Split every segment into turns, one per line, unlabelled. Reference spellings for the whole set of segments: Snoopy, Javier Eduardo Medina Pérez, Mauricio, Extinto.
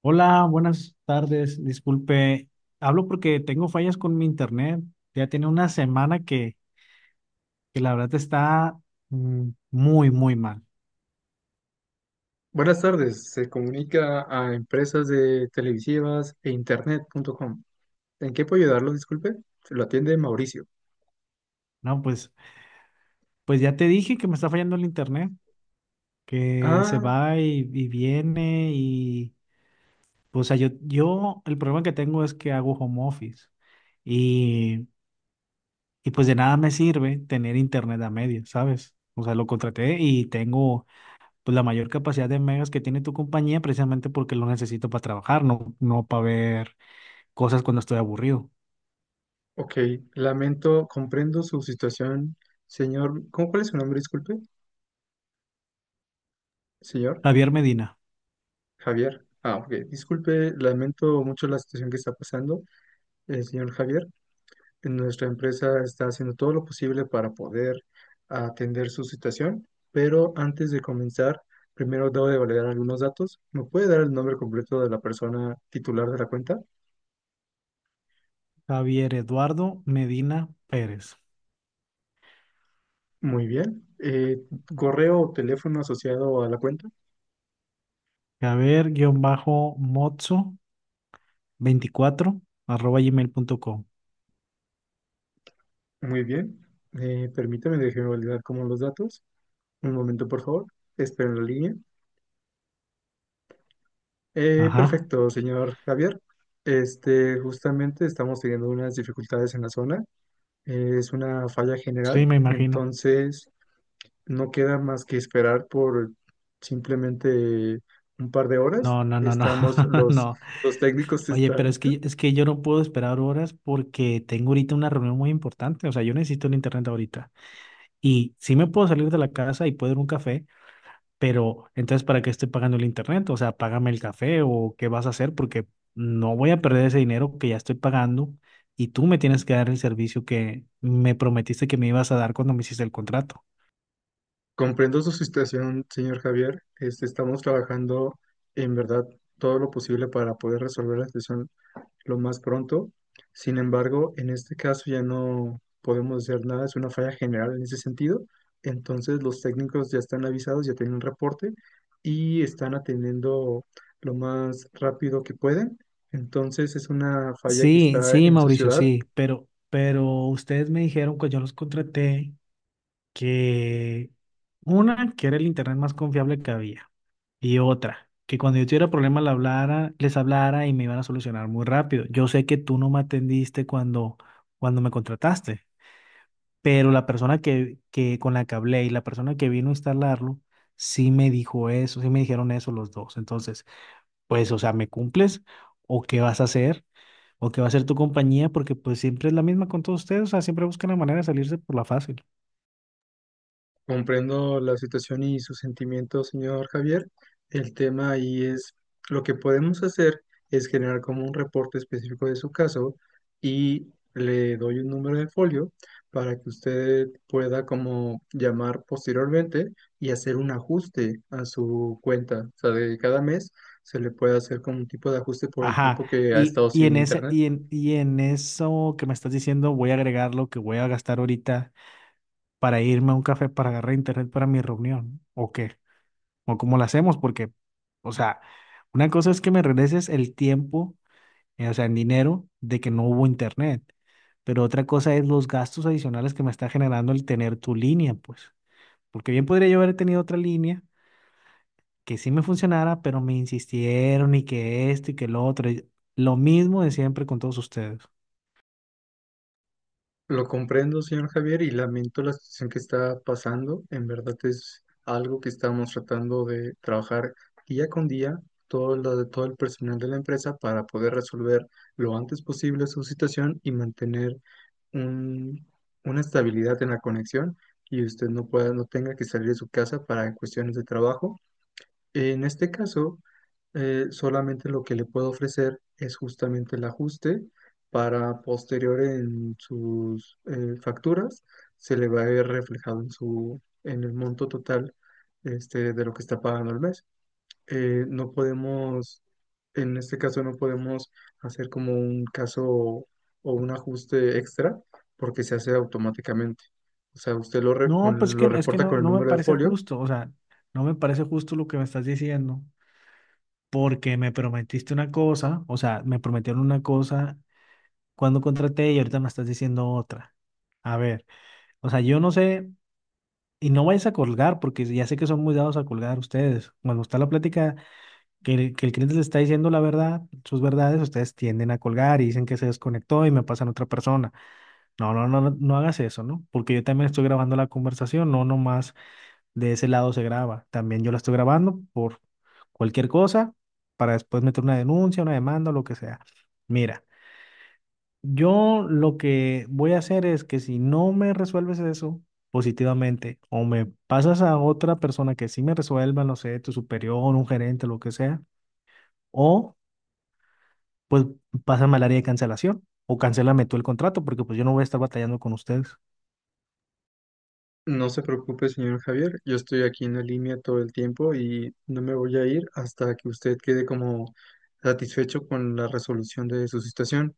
Hola, buenas tardes. Disculpe, hablo porque tengo fallas con mi internet. Ya tiene una semana que la verdad está muy, muy mal.
Buenas tardes, se comunica a empresas de televisivas e internet.com. ¿En qué puedo ayudarlo? Disculpe, se lo atiende Mauricio.
No, pues ya te dije que me está fallando el internet, que se
Ah,
va y viene y, pues, o sea, yo, el problema que tengo es que hago home office y, y pues de nada me sirve tener internet a medias, ¿sabes? O sea, lo contraté y tengo pues la mayor capacidad de megas que tiene tu compañía precisamente porque lo necesito para trabajar, no para ver cosas cuando estoy aburrido.
ok, lamento, comprendo su situación, señor. ¿Cómo, cuál es su nombre? Disculpe, señor
Javier Medina.
Javier. Ah, ok, disculpe, lamento mucho la situación que está pasando, señor Javier. Nuestra empresa está haciendo todo lo posible para poder atender su situación, pero antes de comenzar, primero debo de validar algunos datos. ¿Me puede dar el nombre completo de la persona titular de la cuenta?
Javier Eduardo Medina Pérez.
Muy bien. Correo o teléfono asociado a la cuenta.
javiermotzo24@gmail.com.
Muy bien. Permítame, déjeme validar como los datos. Un momento, por favor. Espero en la línea.
Ajá,
Perfecto, señor Javier. Este, justamente estamos teniendo unas dificultades en la zona. Es una falla general,
sí, me imagino.
entonces no queda más que esperar por simplemente un par de horas.
No, no, no, no,
Estamos,
no.
los técnicos
Oye, pero
están,
es que yo no puedo esperar horas porque tengo ahorita una reunión muy importante. O sea, yo necesito el internet ahorita. Y sí me puedo salir de la casa y puedo ir a un café. Pero entonces, ¿para qué estoy pagando el internet? O sea, págame el café o qué vas a hacer porque no voy a perder ese dinero que ya estoy pagando y tú me tienes que dar el servicio que me prometiste que me ibas a dar cuando me hiciste el contrato.
comprendo su situación, señor Javier, este, estamos trabajando en verdad todo lo posible para poder resolver la situación lo más pronto. Sin embargo, en este caso ya no podemos hacer nada, es una falla general en ese sentido. Entonces los técnicos ya están avisados, ya tienen un reporte y están atendiendo lo más rápido que pueden. Entonces es una falla que
Sí,
está
sí,
en su
Mauricio,
ciudad.
sí, pero ustedes me dijeron cuando yo los contraté que una, que era el internet más confiable que había y otra, que cuando yo tuviera problemas le hablara, les hablara y me iban a solucionar muy rápido. Yo sé que tú no me atendiste cuando me contrataste. Pero la persona que con la que hablé y la persona que vino a instalarlo, sí me dijo eso, sí me dijeron eso los dos. Entonces, pues, o sea, ¿me cumples? ¿O qué vas a hacer? ¿O qué va a hacer tu compañía? Porque pues siempre es la misma con todos ustedes, o sea, siempre buscan la manera de salirse por la fácil.
Comprendo la situación y sus sentimientos, señor Javier. El tema ahí es lo que podemos hacer es generar como un reporte específico de su caso y le doy un número de folio para que usted pueda como llamar posteriormente y hacer un ajuste a su cuenta. O sea, de cada mes se le puede hacer como un tipo de ajuste por el
Ajá,
tiempo que ha estado
y,
sin
en ese,
internet.
y en eso que me estás diciendo, voy a agregar lo que voy a gastar ahorita para irme a un café para agarrar internet para mi reunión. ¿O qué? ¿O cómo lo hacemos? Porque, o sea, una cosa es que me regreses el tiempo, o sea, en dinero, de que no hubo internet. Pero otra cosa es los gastos adicionales que me está generando el tener tu línea, pues. Porque bien podría yo haber tenido otra línea que sí me funcionara, pero me insistieron y que esto y que lo otro. Y lo mismo de siempre con todos ustedes.
Lo comprendo, señor Javier, y lamento la situación que está pasando. En verdad es algo que estamos tratando de trabajar día con día, todo lo de todo el personal de la empresa para poder resolver lo antes posible su situación y mantener un- una estabilidad en la conexión y usted no pueda, no tenga que salir de su casa para cuestiones de trabajo. En este caso, solamente lo que le puedo ofrecer es justamente el ajuste para posterior en sus facturas se le va a ver reflejado en su en el monto total este, de lo que está pagando al mes. No podemos, en este caso no podemos hacer como un caso o un ajuste extra porque se hace automáticamente. O sea, usted lo,
No, pues
lo
que, es que
reporta
no,
con el
no me
número de
parece
folio.
justo. O sea, no me parece justo lo que me estás diciendo. Porque me prometiste una cosa, o sea, me prometieron una cosa cuando contraté y ahorita me estás diciendo otra. A ver, o sea, yo no sé. Y no vayas a colgar, porque ya sé que son muy dados a colgar ustedes. Cuando está la plática que el cliente les está diciendo la verdad, sus verdades, ustedes tienden a colgar y dicen que se desconectó y me pasan a otra persona. No, no, no, no, no hagas eso, ¿no? Porque yo también estoy grabando la conversación, no nomás de ese lado se graba. También yo la estoy grabando por cualquier cosa para después meter una denuncia, una demanda o lo que sea. Mira, yo lo que voy a hacer es que si no me resuelves eso positivamente o me pasas a otra persona que sí me resuelva, no sé, tu superior, un gerente, lo que sea, o pues pásame al área de cancelación o cancélame tú el contrato porque pues yo no voy a estar batallando con ustedes.
No se preocupe, señor Javier, yo estoy aquí en la línea todo el tiempo y no me voy a ir hasta que usted quede como satisfecho con la resolución de su situación.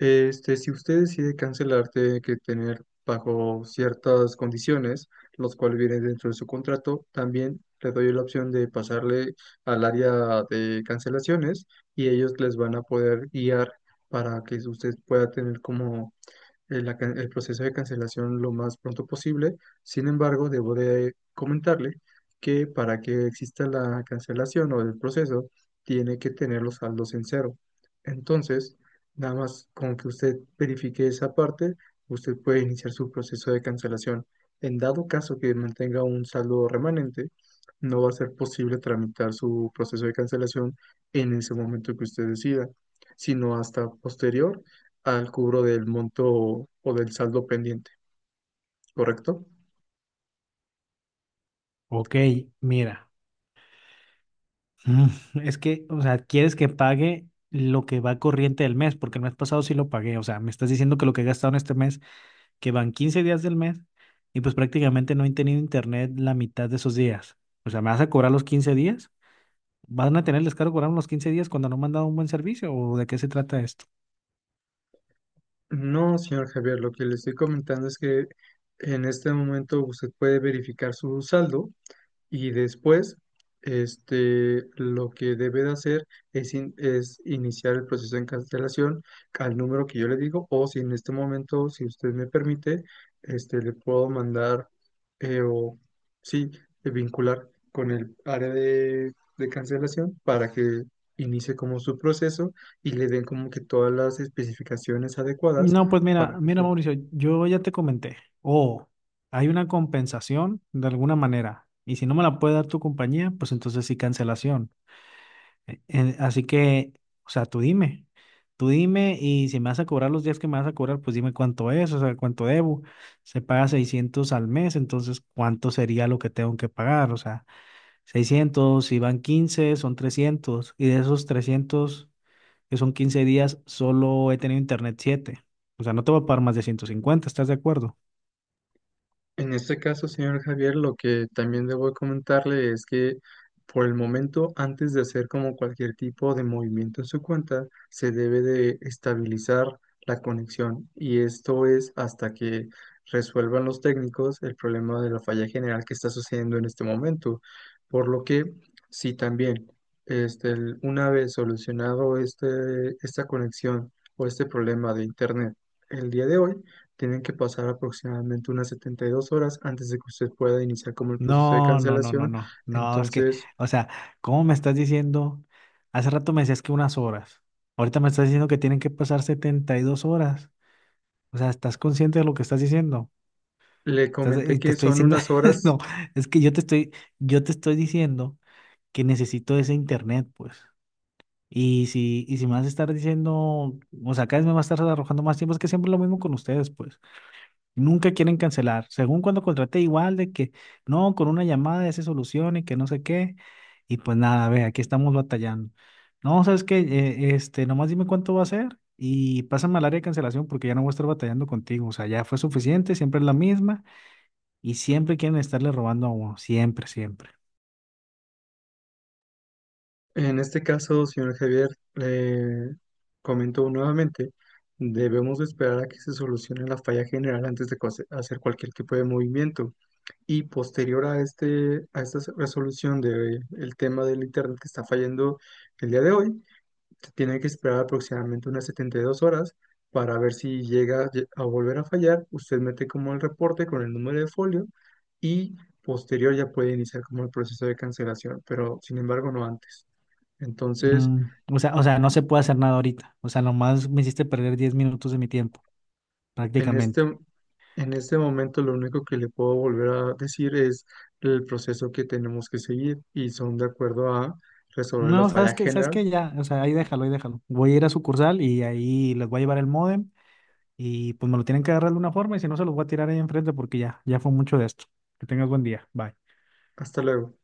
Este, si usted decide cancelar, tiene que tener bajo ciertas condiciones, los cuales vienen dentro de su contrato, también le doy la opción de pasarle al área de cancelaciones y ellos les van a poder guiar para que usted pueda tener como la el proceso de cancelación lo más pronto posible. Sin embargo, debo de comentarle que para que exista la cancelación o el proceso, tiene que tener los saldos en cero. Entonces, nada más con que usted verifique esa parte, usted puede iniciar su proceso de cancelación. En dado caso que mantenga un saldo remanente, no va a ser posible tramitar su proceso de cancelación en ese momento que usted decida, sino hasta posterior al cubro del monto o del saldo pendiente, ¿correcto?
Ok, mira, es que, o sea, quieres que pague lo que va corriente del mes porque el mes pasado sí lo pagué, o sea, me estás diciendo que lo que he gastado en este mes, que van 15 días del mes, y pues prácticamente no han tenido internet la mitad de esos días. O sea, ¿me vas a cobrar los 15 días? ¿Van a tener el descaro cobrarme los 15 días cuando no me han dado un buen servicio? ¿O de qué se trata esto?
No, señor Javier, lo que le estoy comentando es que en este momento usted puede verificar su saldo. Y después, este, lo que debe de hacer es, es iniciar el proceso de cancelación al número que yo le digo, o si en este momento, si usted me permite, este, le puedo mandar o sí, vincular con el área de cancelación para que inicie como su proceso y le den como que todas las especificaciones adecuadas
No, pues
para
mira,
que
mira
usted.
Mauricio, yo ya te comenté, o hay una compensación de alguna manera, y si no me la puede dar tu compañía, pues entonces sí cancelación. Así que, o sea, tú dime y si me vas a cobrar los días que me vas a cobrar, pues dime cuánto es, o sea, cuánto debo. Se paga 600 al mes, entonces, ¿cuánto sería lo que tengo que pagar? O sea, 600 si van 15 son 300. Y de esos 300, que son 15 días, solo he tenido internet 7. O sea, no te voy a pagar más de 150. ¿Estás de acuerdo?
En este caso, señor Javier, lo que también debo comentarle es que por el momento, antes de hacer como cualquier tipo de movimiento en su cuenta, se debe de estabilizar la conexión y esto es hasta que resuelvan los técnicos el problema de la falla general que está sucediendo en este momento. Por lo que, si también este, una vez solucionado este, esta conexión o este problema de internet el día de hoy, tienen que pasar aproximadamente unas 72 horas antes de que usted pueda iniciar como el proceso de
No, no, no, no,
cancelación.
no. No, es que,
Entonces,
o sea, ¿cómo me estás diciendo? Hace rato me decías que unas horas. Ahorita me estás diciendo que tienen que pasar 72 horas. O sea, ¿estás consciente de lo que estás diciendo?
le
Y
comenté
te
que
estoy
son
diciendo,
unas horas.
no, es que yo te estoy diciendo que necesito ese internet, pues. Y si me vas a estar diciendo, o sea, cada vez me vas a estar arrojando más tiempo, es que siempre es lo mismo con ustedes, pues. Nunca quieren cancelar. Según cuando contraté, igual de que no, con una llamada ya se soluciona y que no sé qué. Y pues nada, ve, aquí estamos batallando. No, ¿sabes qué? Este, nomás dime cuánto va a ser y pásame al área de cancelación porque ya no voy a estar batallando contigo. O sea, ya fue suficiente, siempre es la misma y siempre quieren estarle robando a uno. Siempre, siempre.
En este caso, señor Javier, le comento nuevamente, debemos de esperar a que se solucione la falla general antes de hacer cualquier tipo de movimiento. Y posterior a este, a esta resolución del tema del internet que está fallando el día de hoy, se tiene que esperar aproximadamente unas 72 horas para ver si llega a volver a fallar. Usted mete como el reporte con el número de folio y posterior ya puede iniciar como el proceso de cancelación, pero sin embargo no antes. Entonces,
Mm, o sea, o sea, no se puede hacer nada ahorita. O sea, nomás me hiciste perder 10 minutos de mi tiempo,
en este,
prácticamente.
en este momento lo único que le puedo volver a decir es el proceso que tenemos que seguir y son de acuerdo a resolver la
No, sabes
falla
que, sabes
general.
que ya, o sea, ahí déjalo, ahí déjalo. Voy a ir a sucursal y ahí les voy a llevar el módem y pues me lo tienen que agarrar de una forma y si no se los voy a tirar ahí enfrente porque ya, ya fue mucho de esto. Que tengas buen día. Bye.
Hasta luego.